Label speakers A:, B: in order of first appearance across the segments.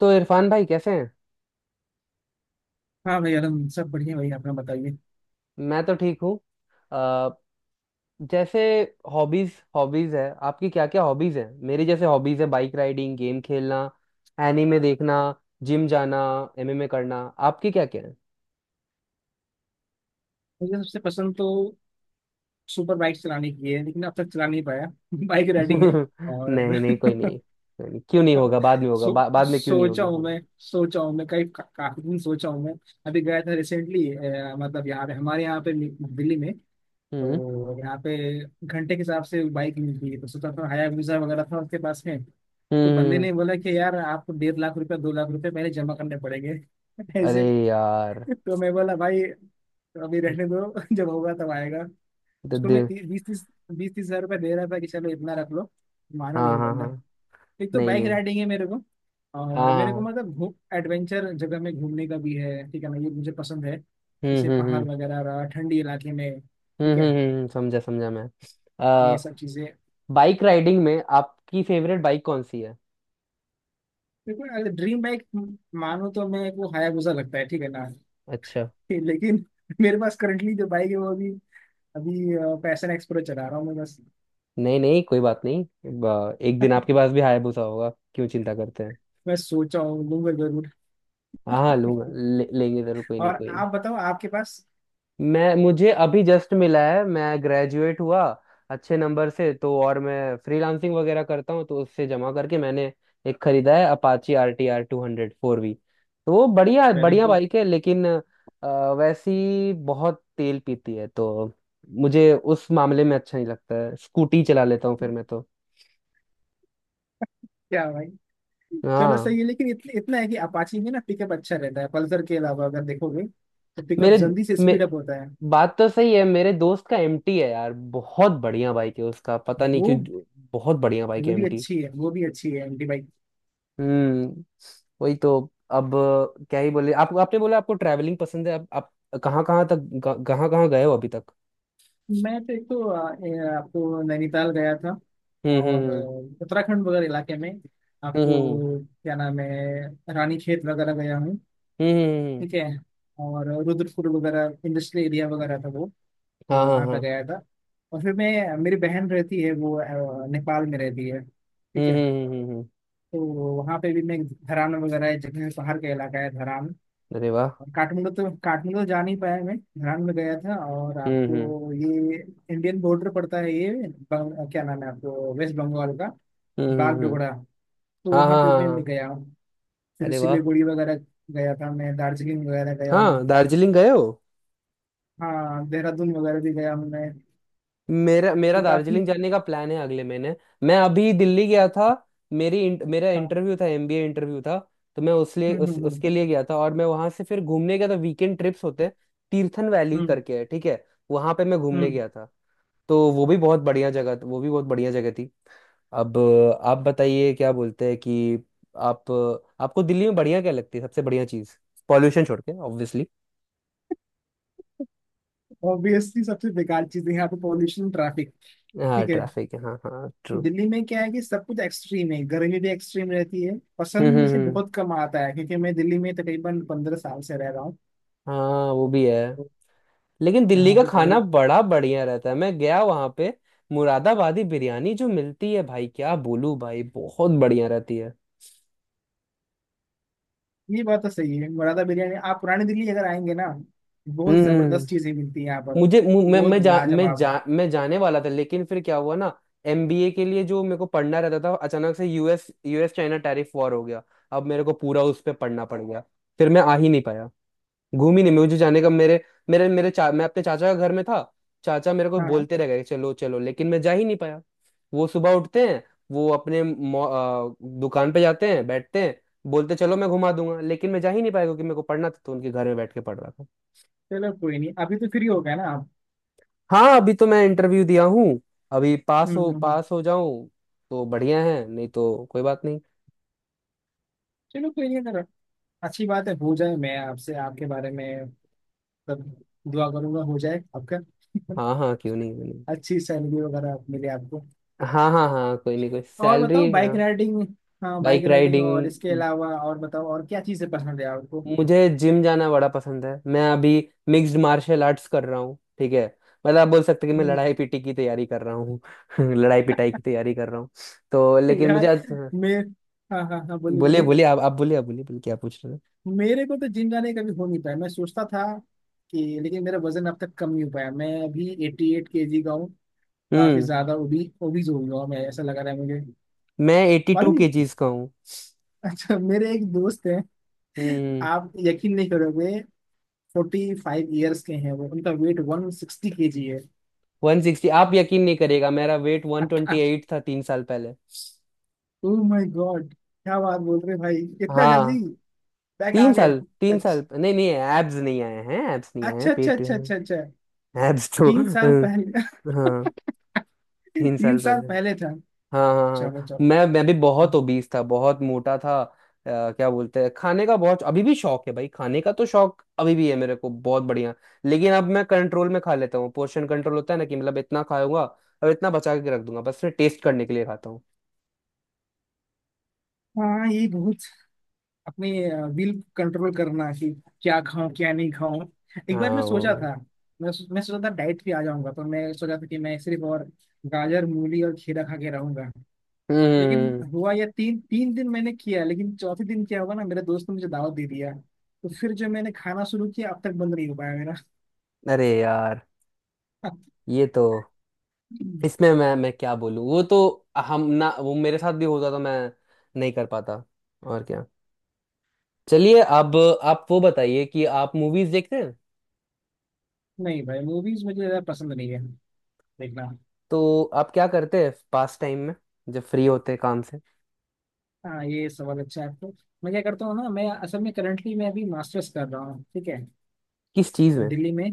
A: तो इरफान भाई कैसे हैं।
B: हाँ भाई आलम सब बढ़िया भाई अपना बताइए।
A: मैं तो ठीक हूँ। अ, जैसे हॉबीज, हॉबीज है आपकी क्या क्या हॉबीज है। मेरी जैसे हॉबीज है बाइक राइडिंग, गेम खेलना, एनीमे देखना, जिम जाना, एमएमए करना। आपकी क्या क्या है।
B: मुझे सबसे पसंद तो सुपर बाइक चलाने की है लेकिन अब तक चला नहीं पाया बाइक राइडिंग है। और
A: नहीं नहीं, कोई नहीं कोई नहीं, क्यों नहीं होगा, बाद में होगा,
B: सो
A: बाद में क्यों नहीं,
B: सोचा
A: होगी
B: हूँ
A: होगी।
B: मैं सोचा हूँ मैं कई का, काफी दिन सोचा हूँ मैं। अभी गया था रिसेंटली। मतलब यहाँ पे हमारे दिल्ली में।
A: हम्म
B: तो यहाँ पे घंटे के हिसाब से बाइक मिलती है। तो सोचा था हाया वीजा वगैरह था उसके पास में, तो बंदे
A: हम्म।
B: ने बोला कि यार आपको डेढ़ लाख रुपया दो लाख रुपया पहले जमा करने पड़ेंगे
A: अरे
B: ऐसे।
A: यार।
B: तो मैं बोला भाई तो अभी रहने दो जब होगा तब आएगा।
A: दे,
B: उसको
A: दे,
B: मैं ती, बीस तीस हजार रुपया दे रहा था कि चलो इतना रख लो। माना नहीं
A: हाँ
B: वो
A: हाँ
B: बंदा।
A: हाँ।
B: एक तो
A: नहीं
B: बाइक
A: नहीं।
B: राइडिंग है मेरे को।
A: हाँ
B: और
A: हाँ
B: मेरे को
A: हाँ।
B: मतलब घूम एडवेंचर जगह में घूमने का भी है, ठीक है ना, ये मुझे पसंद है
A: हम्म
B: जैसे
A: हम्म
B: पहाड़
A: हम्म
B: वगैरह रहा, ठंडी इलाके में, ठीक है।
A: समझा समझा मैं।
B: ये सब चीजें।
A: बाइक राइडिंग में आपकी फेवरेट बाइक कौन सी है।
B: देखो अगर ड्रीम बाइक मानो तो मैं, वो हायाबुसा लगता है ठीक है ना।
A: अच्छा।
B: लेकिन मेरे पास करंटली जो बाइक है, वो अभी अभी पैशन एक्सप्रो चला रहा हूँ मैं बस।
A: नहीं नहीं, कोई बात नहीं। एक दिन आपके पास भी हायाबुसा होगा, क्यों चिंता करते हैं।
B: मैं सोचा हूँ लूंगा जरूर।
A: हाँ हाँ, लूंगा, लेंगे जरूर, कोई नहीं
B: और
A: कोई।
B: आप बताओ आपके पास।
A: मैं मुझे अभी जस्ट मिला है, मैं ग्रेजुएट हुआ अच्छे नंबर से, तो और मैं फ्रीलांसिंग वगैरह करता हूँ, तो उससे जमा करके मैंने एक खरीदा है, अपाची RTR 200 4V। तो वो बढ़िया
B: वेरी
A: बढ़िया
B: गुड।
A: बाइक है लेकिन वैसी बहुत तेल पीती है, तो मुझे उस मामले में अच्छा नहीं लगता है, स्कूटी चला लेता हूँ फिर मैं तो।
B: क्या भाई। चलो
A: हाँ।
B: सही है लेकिन इतना है कि अपाची में ना पिकअप अच्छा रहता है, पल्सर के अलावा अगर देखोगे तो पिकअप
A: मेरे
B: जल्दी से
A: मे,
B: स्पीड अप होता है।
A: बात तो सही है, मेरे दोस्त का एमटी है यार, बहुत बढ़िया बाइक है उसका, पता नहीं
B: वो
A: क्यों बहुत बढ़िया बाइक
B: वो
A: है
B: भी
A: एमटी।
B: अच्छी है, वो भी अच्छी है एमटी बाइक।
A: हम्म। वही तो। अब क्या ही बोले, आपको आपने बोला आपको ट्रैवलिंग पसंद है, आप कहाँ कहाँ तक, कहाँ कहाँ गए हो अभी तक।
B: मैं तो एक तो आपको नैनीताल गया था।
A: हम्म
B: और
A: हम्म
B: उत्तराखंड वगैरह इलाके में,
A: हम्म
B: आपको क्या नाम है, रानीखेत वगैरह गया हूँ
A: हम्म।
B: ठीक है। और रुद्रपुर वगैरह इंडस्ट्रियल एरिया वगैरह था वो, तो
A: हाँ हाँ
B: वहाँ पे
A: हाँ।
B: गया था। और फिर मैं, मेरी बहन रहती है वो नेपाल में रहती है ठीक है।
A: हम्म।
B: तो वहाँ पे भी मैं धरान वगैरह, एक जगह है, पहाड़ का इलाका है धरान।
A: अरे वाह।
B: और काठमांडू तो जा नहीं पाया, मैं धरान में गया था। और
A: हम्म हम्म
B: आपको ये इंडियन बॉर्डर पड़ता है ये क्या नाम है, आपको वेस्ट बंगाल का
A: हम्म हम्म हम्म,
B: बागडोगरा। तो
A: हाँ
B: वहां
A: हाँ
B: पे
A: हाँ
B: मैं भी
A: हाँ।
B: गया हूँ। फिर
A: अरे वाह।
B: सिलीगुड़ी वगैरह गया था मैं, दार्जिलिंग वगैरह गया हूँ।
A: हाँ, दार्जिलिंग गए हो।
B: हाँ देहरादून वगैरह भी गया हूँ मैं।
A: मेरा, मेरा
B: तो काफी।
A: दार्जिलिंग जाने का प्लान है अगले महीने। मैं अभी दिल्ली गया था, मेरा
B: हाँ।
A: इंटरव्यू था, एमबीए इंटरव्यू था। तो मैं उस लिए,
B: हम्म।
A: उसके लिए गया था, और मैं वहां से फिर घूमने गया था, वीकेंड ट्रिप्स होते हैं, तीर्थन वैली
B: हम्म
A: करके है ठीक है, वहां पे मैं घूमने
B: हम्म।
A: गया था। तो वो भी बहुत बढ़िया जगह, वो भी बहुत बढ़िया जगह थी। अब आप बताइए, क्या बोलते हैं कि आप, आपको दिल्ली में बढ़िया क्या लगती है सबसे बढ़िया चीज, पॉल्यूशन छोड़ के ऑब्वियसली।
B: ऑब्वियसली सबसे बेकार चीज है यहाँ पे पॉल्यूशन ट्रैफिक।
A: हाँ
B: ठीक है।
A: ट्रैफिक है, हाँ हाँ ट्रू।
B: दिल्ली में क्या है कि सब कुछ एक्सट्रीम है, गर्मी भी एक्सट्रीम रहती है,
A: हम्म
B: पसंद
A: हम्म
B: मुझे
A: हम्म,
B: बहुत कम आता है क्योंकि मैं दिल्ली में तकरीबन पंद्रह साल से रह रहा हूँ।
A: हाँ वो
B: तो-
A: भी है।
B: तो
A: लेकिन दिल्ली
B: यहाँ
A: का
B: पे
A: खाना
B: बहुत।
A: बड़ा बढ़िया रहता है, मैं गया वहां पे। मुरादाबादी बिरयानी जो मिलती है भाई, क्या बोलूं भाई, बहुत बढ़िया रहती है।
B: ये बात तो सही है, मुरादा बिरयानी, आप पुरानी दिल्ली अगर आएंगे ना, बहुत
A: हम्म।
B: जबरदस्त चीजें मिलती हैं यहाँ पर।
A: मैं
B: बहुत
A: मैं
B: लाजवाब।
A: मैं जाने वाला था, लेकिन फिर क्या हुआ ना, एमबीए के लिए जो मेरे को पढ़ना रहता था, अचानक से US US China tariff war हो गया, अब मेरे को पूरा उस पर पढ़ना पड़ गया, फिर मैं आ ही नहीं पाया, घूमी नहीं, मुझे जाने का। मेरे मेरे मेरे चा, मैं अपने चाचा के घर में था, चाचा मेरे को
B: हाँ हाँ
A: बोलते रह गए चलो चलो, लेकिन मैं जा ही नहीं पाया। वो सुबह उठते हैं, वो अपने दुकान पे जाते हैं, बैठते हैं, बोलते चलो मैं घुमा दूंगा, लेकिन मैं जा ही नहीं पाया, क्योंकि मेरे को पढ़ना था, तो उनके घर में बैठ के पढ़ रहा था।
B: चलो कोई नहीं, अभी तो फ्री हो गए ना आप।
A: हाँ, अभी तो मैं इंटरव्यू दिया हूँ, अभी
B: हम्म हम्म हम्म।
A: पास हो जाऊं तो बढ़िया है, नहीं तो कोई बात नहीं।
B: चलो कोई नहीं, अगर अच्छी बात है हो जाए, मैं आपसे आपके बारे में सब दुआ करूंगा, हो जाए आपका।
A: हाँ हाँ, क्यों नहीं क्यों नहीं।
B: अच्छी सैलरी वगैरह आप मिले आपको।
A: हाँ हाँ हाँ, कोई नहीं कोई,
B: और
A: सैलरी
B: बताओ
A: हाँ।
B: Bike riding. हाँ बाइक
A: बाइक
B: राइडिंग, और
A: राइडिंग।
B: इसके अलावा और बताओ, और क्या चीजें पसंद है आपको।
A: मुझे जिम जाना बड़ा पसंद है, मैं अभी मिक्स्ड मार्शल आर्ट्स कर रहा हूँ ठीक है। मतलब आप बोल सकते हैं कि मैं
B: हम्म।
A: लड़ाई पिटी की तैयारी कर रहा हूँ, लड़ाई पिटाई की तैयारी कर रहा हूँ। तो लेकिन मुझे
B: यार
A: अच्छा-।
B: मैं, हाँ हाँ हाँ बोलिए
A: बोलिए
B: बोलिए।
A: बोलिए, आप बोलिए, आप बोलिए बोलिए, क्या पूछ रहे हैं।
B: मेरे को तो जिम जाने का कभी हो नहीं पाया, मैं सोचता था कि, लेकिन मेरा वजन अब तक कम नहीं हो पाया, मैं अभी एटी एट के जी का हूँ। काफी
A: हम्म।
B: ज्यादा ओबीज हो गया हूँ मैं, ऐसा लगा रहा है मुझे
A: मैं एट्टी टू
B: मालूम।
A: केजीज का हूँ।
B: अच्छा मेरे एक दोस्त हैं,
A: हम्म।
B: आप यकीन नहीं करोगे, फोर्टी फाइव ईयर्स के हैं वो, उनका weight one sixty K G है।
A: 160, आप यकीन नहीं करेगा, मेरा वेट वन ट्वेंटी एट था 3 साल पहले।
B: ओ माय गॉड, क्या बात बोल रहे हैं भाई, इतना
A: हाँ।
B: जल्दी बैक आ
A: तीन
B: गए।
A: साल 3 साल,
B: अच्छा
A: नहीं नहीं एब्स नहीं आए हैं, एब्स नहीं आए हैं,
B: अच्छा अच्छा
A: पेट।
B: अच्छा अच्छा अच्छा।
A: एब्स तो
B: तीन साल पहले।
A: हाँ, तीन
B: तीन
A: साल
B: साल
A: पहले
B: पहले था।
A: हाँ हाँ हाँ।
B: चलो चलो।
A: मैं भी बहुत ओबीस था, बहुत मोटा था। क्या बोलते हैं, खाने का बहुत अभी भी शौक है भाई, खाने का तो शौक अभी भी है मेरे को बहुत बढ़िया। लेकिन अब मैं कंट्रोल में खा लेता हूँ, पोर्शन कंट्रोल होता है ना, कि मतलब इतना खाऊंगा और इतना बचा के रख दूंगा, बस फिर टेस्ट करने के लिए खाता हूँ।
B: हाँ ये बहुत, अपने विल कंट्रोल करना कि क्या खाऊं क्या नहीं खाऊं। एक बार मैं
A: हाँ वो
B: सोचा था,
A: भी।
B: मैं सोचा था डाइट पे आ जाऊंगा, पर मैं सोचा था कि मैं सिर्फ और गाजर मूली और खीरा खा के रहूंगा। लेकिन
A: हम्म।
B: हुआ यह, तीन तीन दिन मैंने किया, लेकिन चौथे दिन क्या हुआ ना, मेरे दोस्त ने मुझे दावत दे दिया। तो फिर जो मैंने खाना शुरू किया, अब तक बंद नहीं हो पाया मेरा।
A: अरे यार, ये तो, इसमें मैं क्या बोलूँ, वो तो, हम ना, वो मेरे साथ भी होता तो मैं नहीं कर पाता। और क्या। चलिए अब आप वो बताइए कि आप मूवीज देखते हैं।
B: नहीं भाई मूवीज मुझे ज्यादा पसंद नहीं है देखना।
A: तो आप क्या करते हैं पास टाइम में, जब फ्री होते हैं काम से।
B: हाँ ये सवाल अच्छा है आपको। मैं क्या करता हूँ ना, मैं असल में करंटली मैं अभी मास्टर्स कर रहा हूँ ठीक है।
A: किस चीज में।
B: दिल्ली में,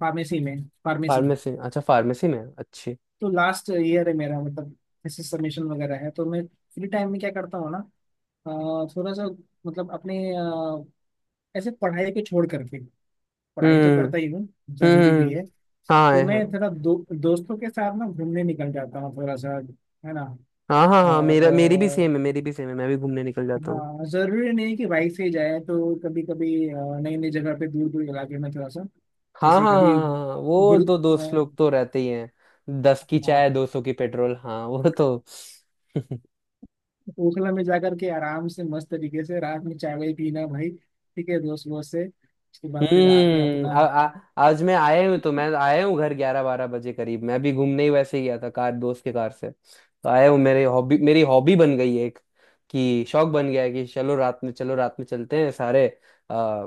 B: फार्मेसी में, फार्मेसी।
A: फार्मेसी, अच्छा फार्मेसी में अच्छी।
B: तो लास्ट ईयर है मेरा, मतलब ऐसे सबमिशन वगैरह है। तो मैं फ्री टाइम में क्या करता हूँ ना, अ, थोड़ा सा, मतलब अपने ऐसे पढ़ाई को छोड़ करके, पढ़ाई तो
A: हम्म
B: करता ही हूँ,
A: हम्म
B: जरूरी भी
A: हम्म,
B: है।
A: हाँ
B: तो
A: है
B: मैं
A: हाँ।
B: थोड़ा दोस्तों के साथ ना घूमने निकल जाता हूँ थोड़ा सा, है ना।
A: हाँ हाँ हाँ
B: और
A: मेरा, मेरी भी सेम है, मेरी भी सेम है, मैं भी घूमने निकल जाता हूँ।
B: हाँ जरूरी नहीं कि बाइक से ही जाए, तो कभी कभी नई नई जगह पे, दूर दूर इलाके में थोड़ा सा।
A: हाँ
B: जैसे
A: हाँ हाँ
B: कभी
A: हाँ हाँ, वो
B: गुरु
A: तो दोस्त
B: अ,
A: लोग तो रहते ही हैं, 10 की चाय,
B: हाँ,
A: 200 की पेट्रोल, हाँ वो तो।
B: ओखला में जाकर के आराम से मस्त तरीके से रात में चाय वाय पीना भाई, ठीक है, दोस्त वोस्त से, उसके बाद फिर आते हैं
A: हम्म।
B: अपना।
A: आ, आ, आज मैं आया हूँ, तो मैं आया हूँ घर 11-12 बजे करीब, मैं अभी घूमने ही वैसे ही गया था, कार दोस्त के कार से तो आया हूँ। मेरे हॉबी मेरी हॉबी बन गई है एक, कि शौक बन गया है कि चलो रात में, चलो रात में चलते हैं सारे, आ,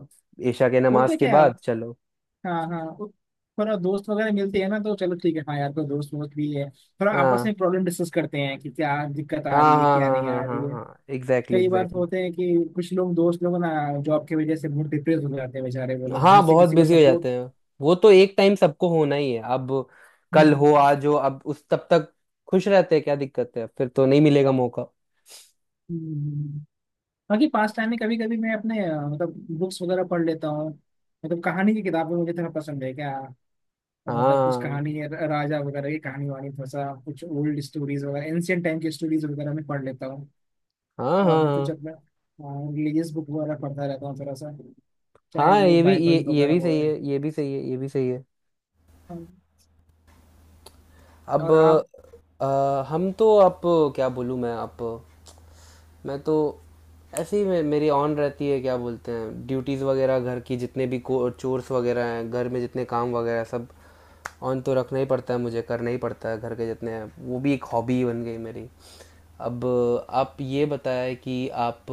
A: ईशा के नमाज
B: होता
A: के
B: क्या है
A: बाद चलो।
B: क्या। हाँ हाँ थोड़ा दोस्त वगैरह मिलते हैं ना, तो चलो ठीक है, हाँ यार कोई दोस्त वोस्त भी है, थोड़ा आपस
A: हाँ
B: में प्रॉब्लम डिस्कस करते हैं कि क्या दिक्कत आ
A: हाँ
B: रही है,
A: हाँ
B: क्या
A: हाँ
B: नहीं
A: हाँ
B: आ रही
A: हाँ
B: है।
A: हाँ, एग्जैक्टली
B: कई बार तो
A: एग्जैक्टली।
B: होते हैं कि कुछ लोग, दोस्त लोग ना जॉब की वजह से बहुत डिप्रेस हो जाते हैं बेचारे, वो लोग घर
A: हाँ
B: से
A: बहुत
B: किसी को
A: बिजी हो जाते हैं, वो तो एक टाइम सबको होना ही है अब, कल हो आज
B: सपोर्ट।
A: हो, अब उस तब तक खुश रहते हैं, क्या दिक्कत है, फिर तो नहीं मिलेगा मौका।
B: बाकी पास टाइम में कभी कभी मैं अपने मतलब बुक्स वगैरह पढ़ लेता हूँ, मतलब कहानी की किताबें मुझे थोड़ा पसंद है क्या। मतलब कुछ
A: हाँ
B: कहानी है, राजा वगैरह की कहानी वानी, थोड़ा सा कुछ ओल्ड स्टोरीज वगैरह, एंशियंट टाइम की स्टोरीज वगैरह मैं पढ़ लेता हूँ।
A: हाँ
B: और
A: हाँ
B: मैं कुछ
A: हाँ
B: अपना रिलीजियस बुक वगैरह पढ़ता रहता हूँ थोड़ा सा, चाहे
A: हाँ,
B: वो
A: ये भी,
B: बाइबल
A: ये
B: वगैरह
A: भी
B: हो।
A: सही है, ये भी सही है, ये भी सही है।
B: अ,
A: अब
B: और आप।
A: अ, हम तो, आप क्या बोलूँ, मैं आप, मैं तो ऐसे ही मेरी ऑन रहती है, क्या बोलते हैं, ड्यूटीज़ वगैरह घर की, जितने भी को चोर्स वगैरह हैं घर में, जितने काम वगैरह हैं, सब ऑन तो रखना ही पड़ता है, मुझे करना ही पड़ता है घर के जितने हैं, वो भी एक हॉबी बन गई मेरी। अब आप ये बताएं कि आप,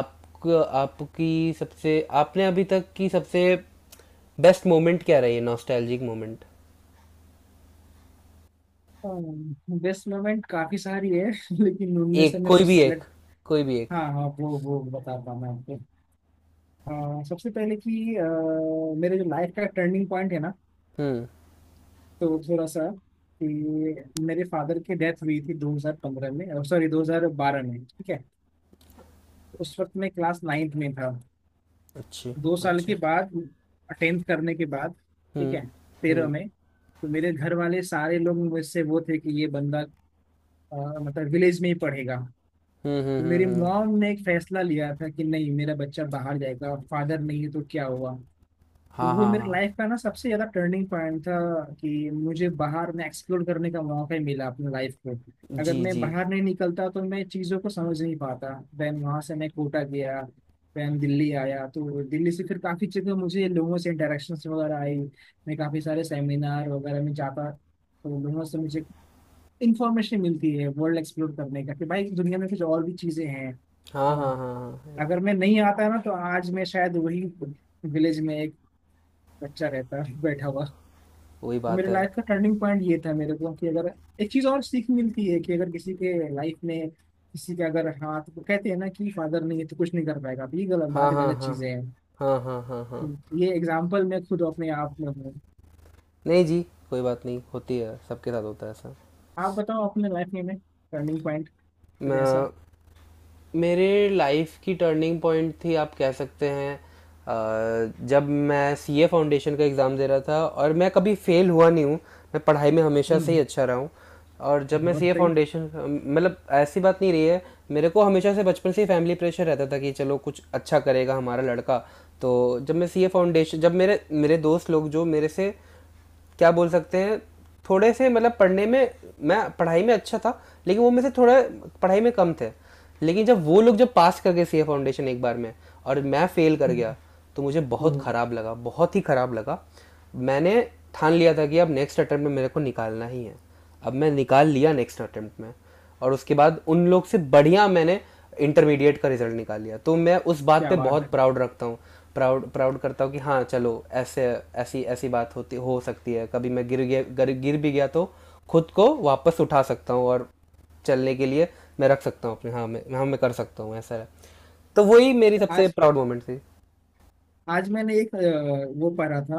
A: आप आपकी सबसे, आपने अभी तक की सबसे बेस्ट मोमेंट क्या रही है, नॉस्टैल्जिक मोमेंट।
B: बेस्ट मोमेंट काफी सारी है लेकिन उनमें से
A: एक
B: मैं
A: कोई
B: कुछ
A: भी एक, कोई भी एक।
B: हाँ हाँ वो, बताता हूँ मैं आपको। सबसे पहले कि मेरे जो लाइफ का टर्निंग पॉइंट है ना,
A: हम्म।
B: तो थोड़ा सा, कि मेरे फादर की डेथ हुई थी 2015 में, सॉरी 2012 में, ठीक है। उस वक्त मैं क्लास नाइन्थ में था।
A: अच्छी,
B: दो साल के
A: अच्छी।
B: बाद टेंथ करने के बाद, ठीक
A: हम्म
B: है, तेरह
A: हम्म
B: में, तो मेरे घर वाले सारे लोग मुझसे वो थे कि ये बंदा अ, मतलब विलेज में ही पढ़ेगा।
A: हम्म हम्म
B: तो मेरी
A: हम्म हम्म।
B: मॉम ने एक फैसला लिया था कि नहीं, मेरा बच्चा बाहर जाएगा, फादर नहीं है तो क्या हुआ। तो
A: हाँ
B: वो
A: हाँ
B: मेरे
A: हाँ।
B: लाइफ का ना सबसे ज्यादा टर्निंग पॉइंट था, कि मुझे बाहर में एक्सप्लोर करने का मौका ही मिला अपनी लाइफ को। अगर
A: जी
B: मैं
A: जी।
B: बाहर नहीं निकलता तो मैं चीज़ों को समझ नहीं पाता। देन वहाँ से मैं कोटा गया, देन दिल्ली आया, तो दिल्ली से फिर काफ़ी जगह मुझे लोगों से इंटरेक्शंस वगैरह आई। मैं काफ़ी सारे सेमिनार वगैरह में जाता, तो लोगों से मुझे इंफॉर्मेशन मिलती है, वर्ल्ड एक्सप्लोर करने का, कि भाई इस दुनिया में कुछ और भी चीजें हैं,
A: हाँ
B: है ना।
A: हाँ हाँ हाँ।
B: अगर मैं नहीं आता ना, तो आज मैं शायद वही विलेज में एक बच्चा रहता बैठा हुआ।
A: वही
B: तो
A: बात
B: मेरे
A: है।
B: लाइफ का टर्निंग पॉइंट ये था मेरे को, कि अगर एक चीज और सीख मिलती है कि अगर किसी के लाइफ में किसी का अगर हाथ, तो कहते हैं ना कि फादर नहीं है तो कुछ नहीं कर पाएगा, तो ये गलत
A: हाँ
B: बात,
A: हाँ
B: गलत
A: हाँ
B: चीजें हैं।
A: हाँ हाँ हाँ हाँ।
B: तो ये एग्जाम्पल मैं खुद अपने आप में हूँ।
A: नहीं जी, कोई बात नहीं, होती है सबके साथ होता है ऐसा।
B: आप बताओ अपने लाइफ में टर्निंग पॉइंट कुछ ऐसा।
A: मैं मेरे लाइफ की टर्निंग पॉइंट थी आप कह सकते हैं, जब मैं सीए फाउंडेशन का एग्ज़ाम दे रहा था, और मैं कभी फेल हुआ नहीं हूँ, मैं पढ़ाई में हमेशा से ही
B: हम्म।
A: अच्छा रहा हूँ। और जब मैं
B: बहुत
A: सीए
B: सही।
A: फाउंडेशन, मतलब ऐसी बात नहीं रही है, मेरे को हमेशा से बचपन से ही फैमिली प्रेशर रहता था कि चलो कुछ अच्छा करेगा हमारा लड़का। तो जब मैं सीए फाउंडेशन, जब मेरे मेरे दोस्त लोग, जो मेरे से क्या बोल सकते हैं, थोड़े से मतलब पढ़ने में, मैं पढ़ाई में अच्छा था लेकिन वो मेरे से थोड़ा पढ़ाई में कम थे, लेकिन जब वो लोग जब पास कर गए सी ए फाउंडेशन एक बार में, और मैं फेल कर गया,
B: हम्म,
A: तो मुझे बहुत
B: ओह
A: ख़राब लगा, बहुत ही ख़राब लगा। मैंने ठान लिया था कि अब नेक्स्ट अटेम्प्ट में मेरे को निकालना ही है, अब मैं निकाल लिया नेक्स्ट अटेम्प्ट में, और उसके बाद उन लोग से बढ़िया मैंने इंटरमीडिएट का रिजल्ट निकाल लिया, तो मैं उस बात
B: क्या
A: पे
B: बात है।
A: बहुत प्राउड रखता हूँ, प्राउड प्राउड करता हूँ कि हाँ चलो, ऐसे ऐसी ऐसी बात होती, हो सकती है कभी मैं गिर गया, गिर भी गया तो खुद को वापस उठा सकता हूँ, और चलने के लिए मैं रख सकता हूँ अपने, हाँ मैं, हाँ मैं कर सकता हूँ ऐसा है। तो वही मेरी सबसे
B: आज
A: प्राउड मोमेंट थी।
B: आज मैंने एक वो पढ़ा था,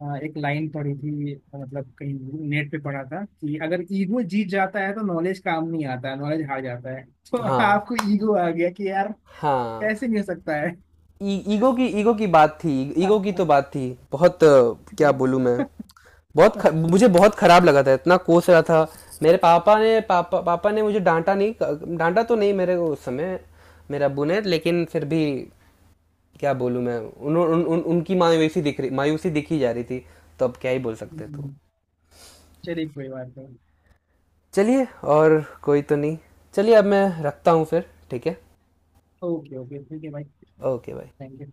B: एक लाइन पढ़ी थी, मतलब कहीं नेट पे पढ़ा था, कि अगर ईगो जीत जाता है तो नॉलेज काम नहीं आता है, नॉलेज हार जाता है। तो
A: हाँ
B: आपको ईगो आ गया कि यार
A: हाँ।
B: कैसे नहीं हो सकता है।
A: ईगो की बात थी, ईगो की तो बात थी। बहुत क्या बोलूं मैं, मुझे बहुत खराब लगा था, इतना कोस रहा था। मेरे पापा ने पापा पापा ने मुझे डांटा नहीं, डांटा तो नहीं मेरे को उस समय मेरे अब्बू ने, लेकिन फिर भी, क्या बोलूं मैं, उन, उन, उन, उनकी मायूसी दिखी जा रही थी, तो अब क्या ही बोल सकते तो।
B: चलिए कोई बात नहीं।
A: चलिए, और कोई तो नहीं, चलिए अब मैं रखता हूँ फिर, ठीक है।
B: ओके ओके ठीक है भाई।
A: ओके भाई।
B: Thank you.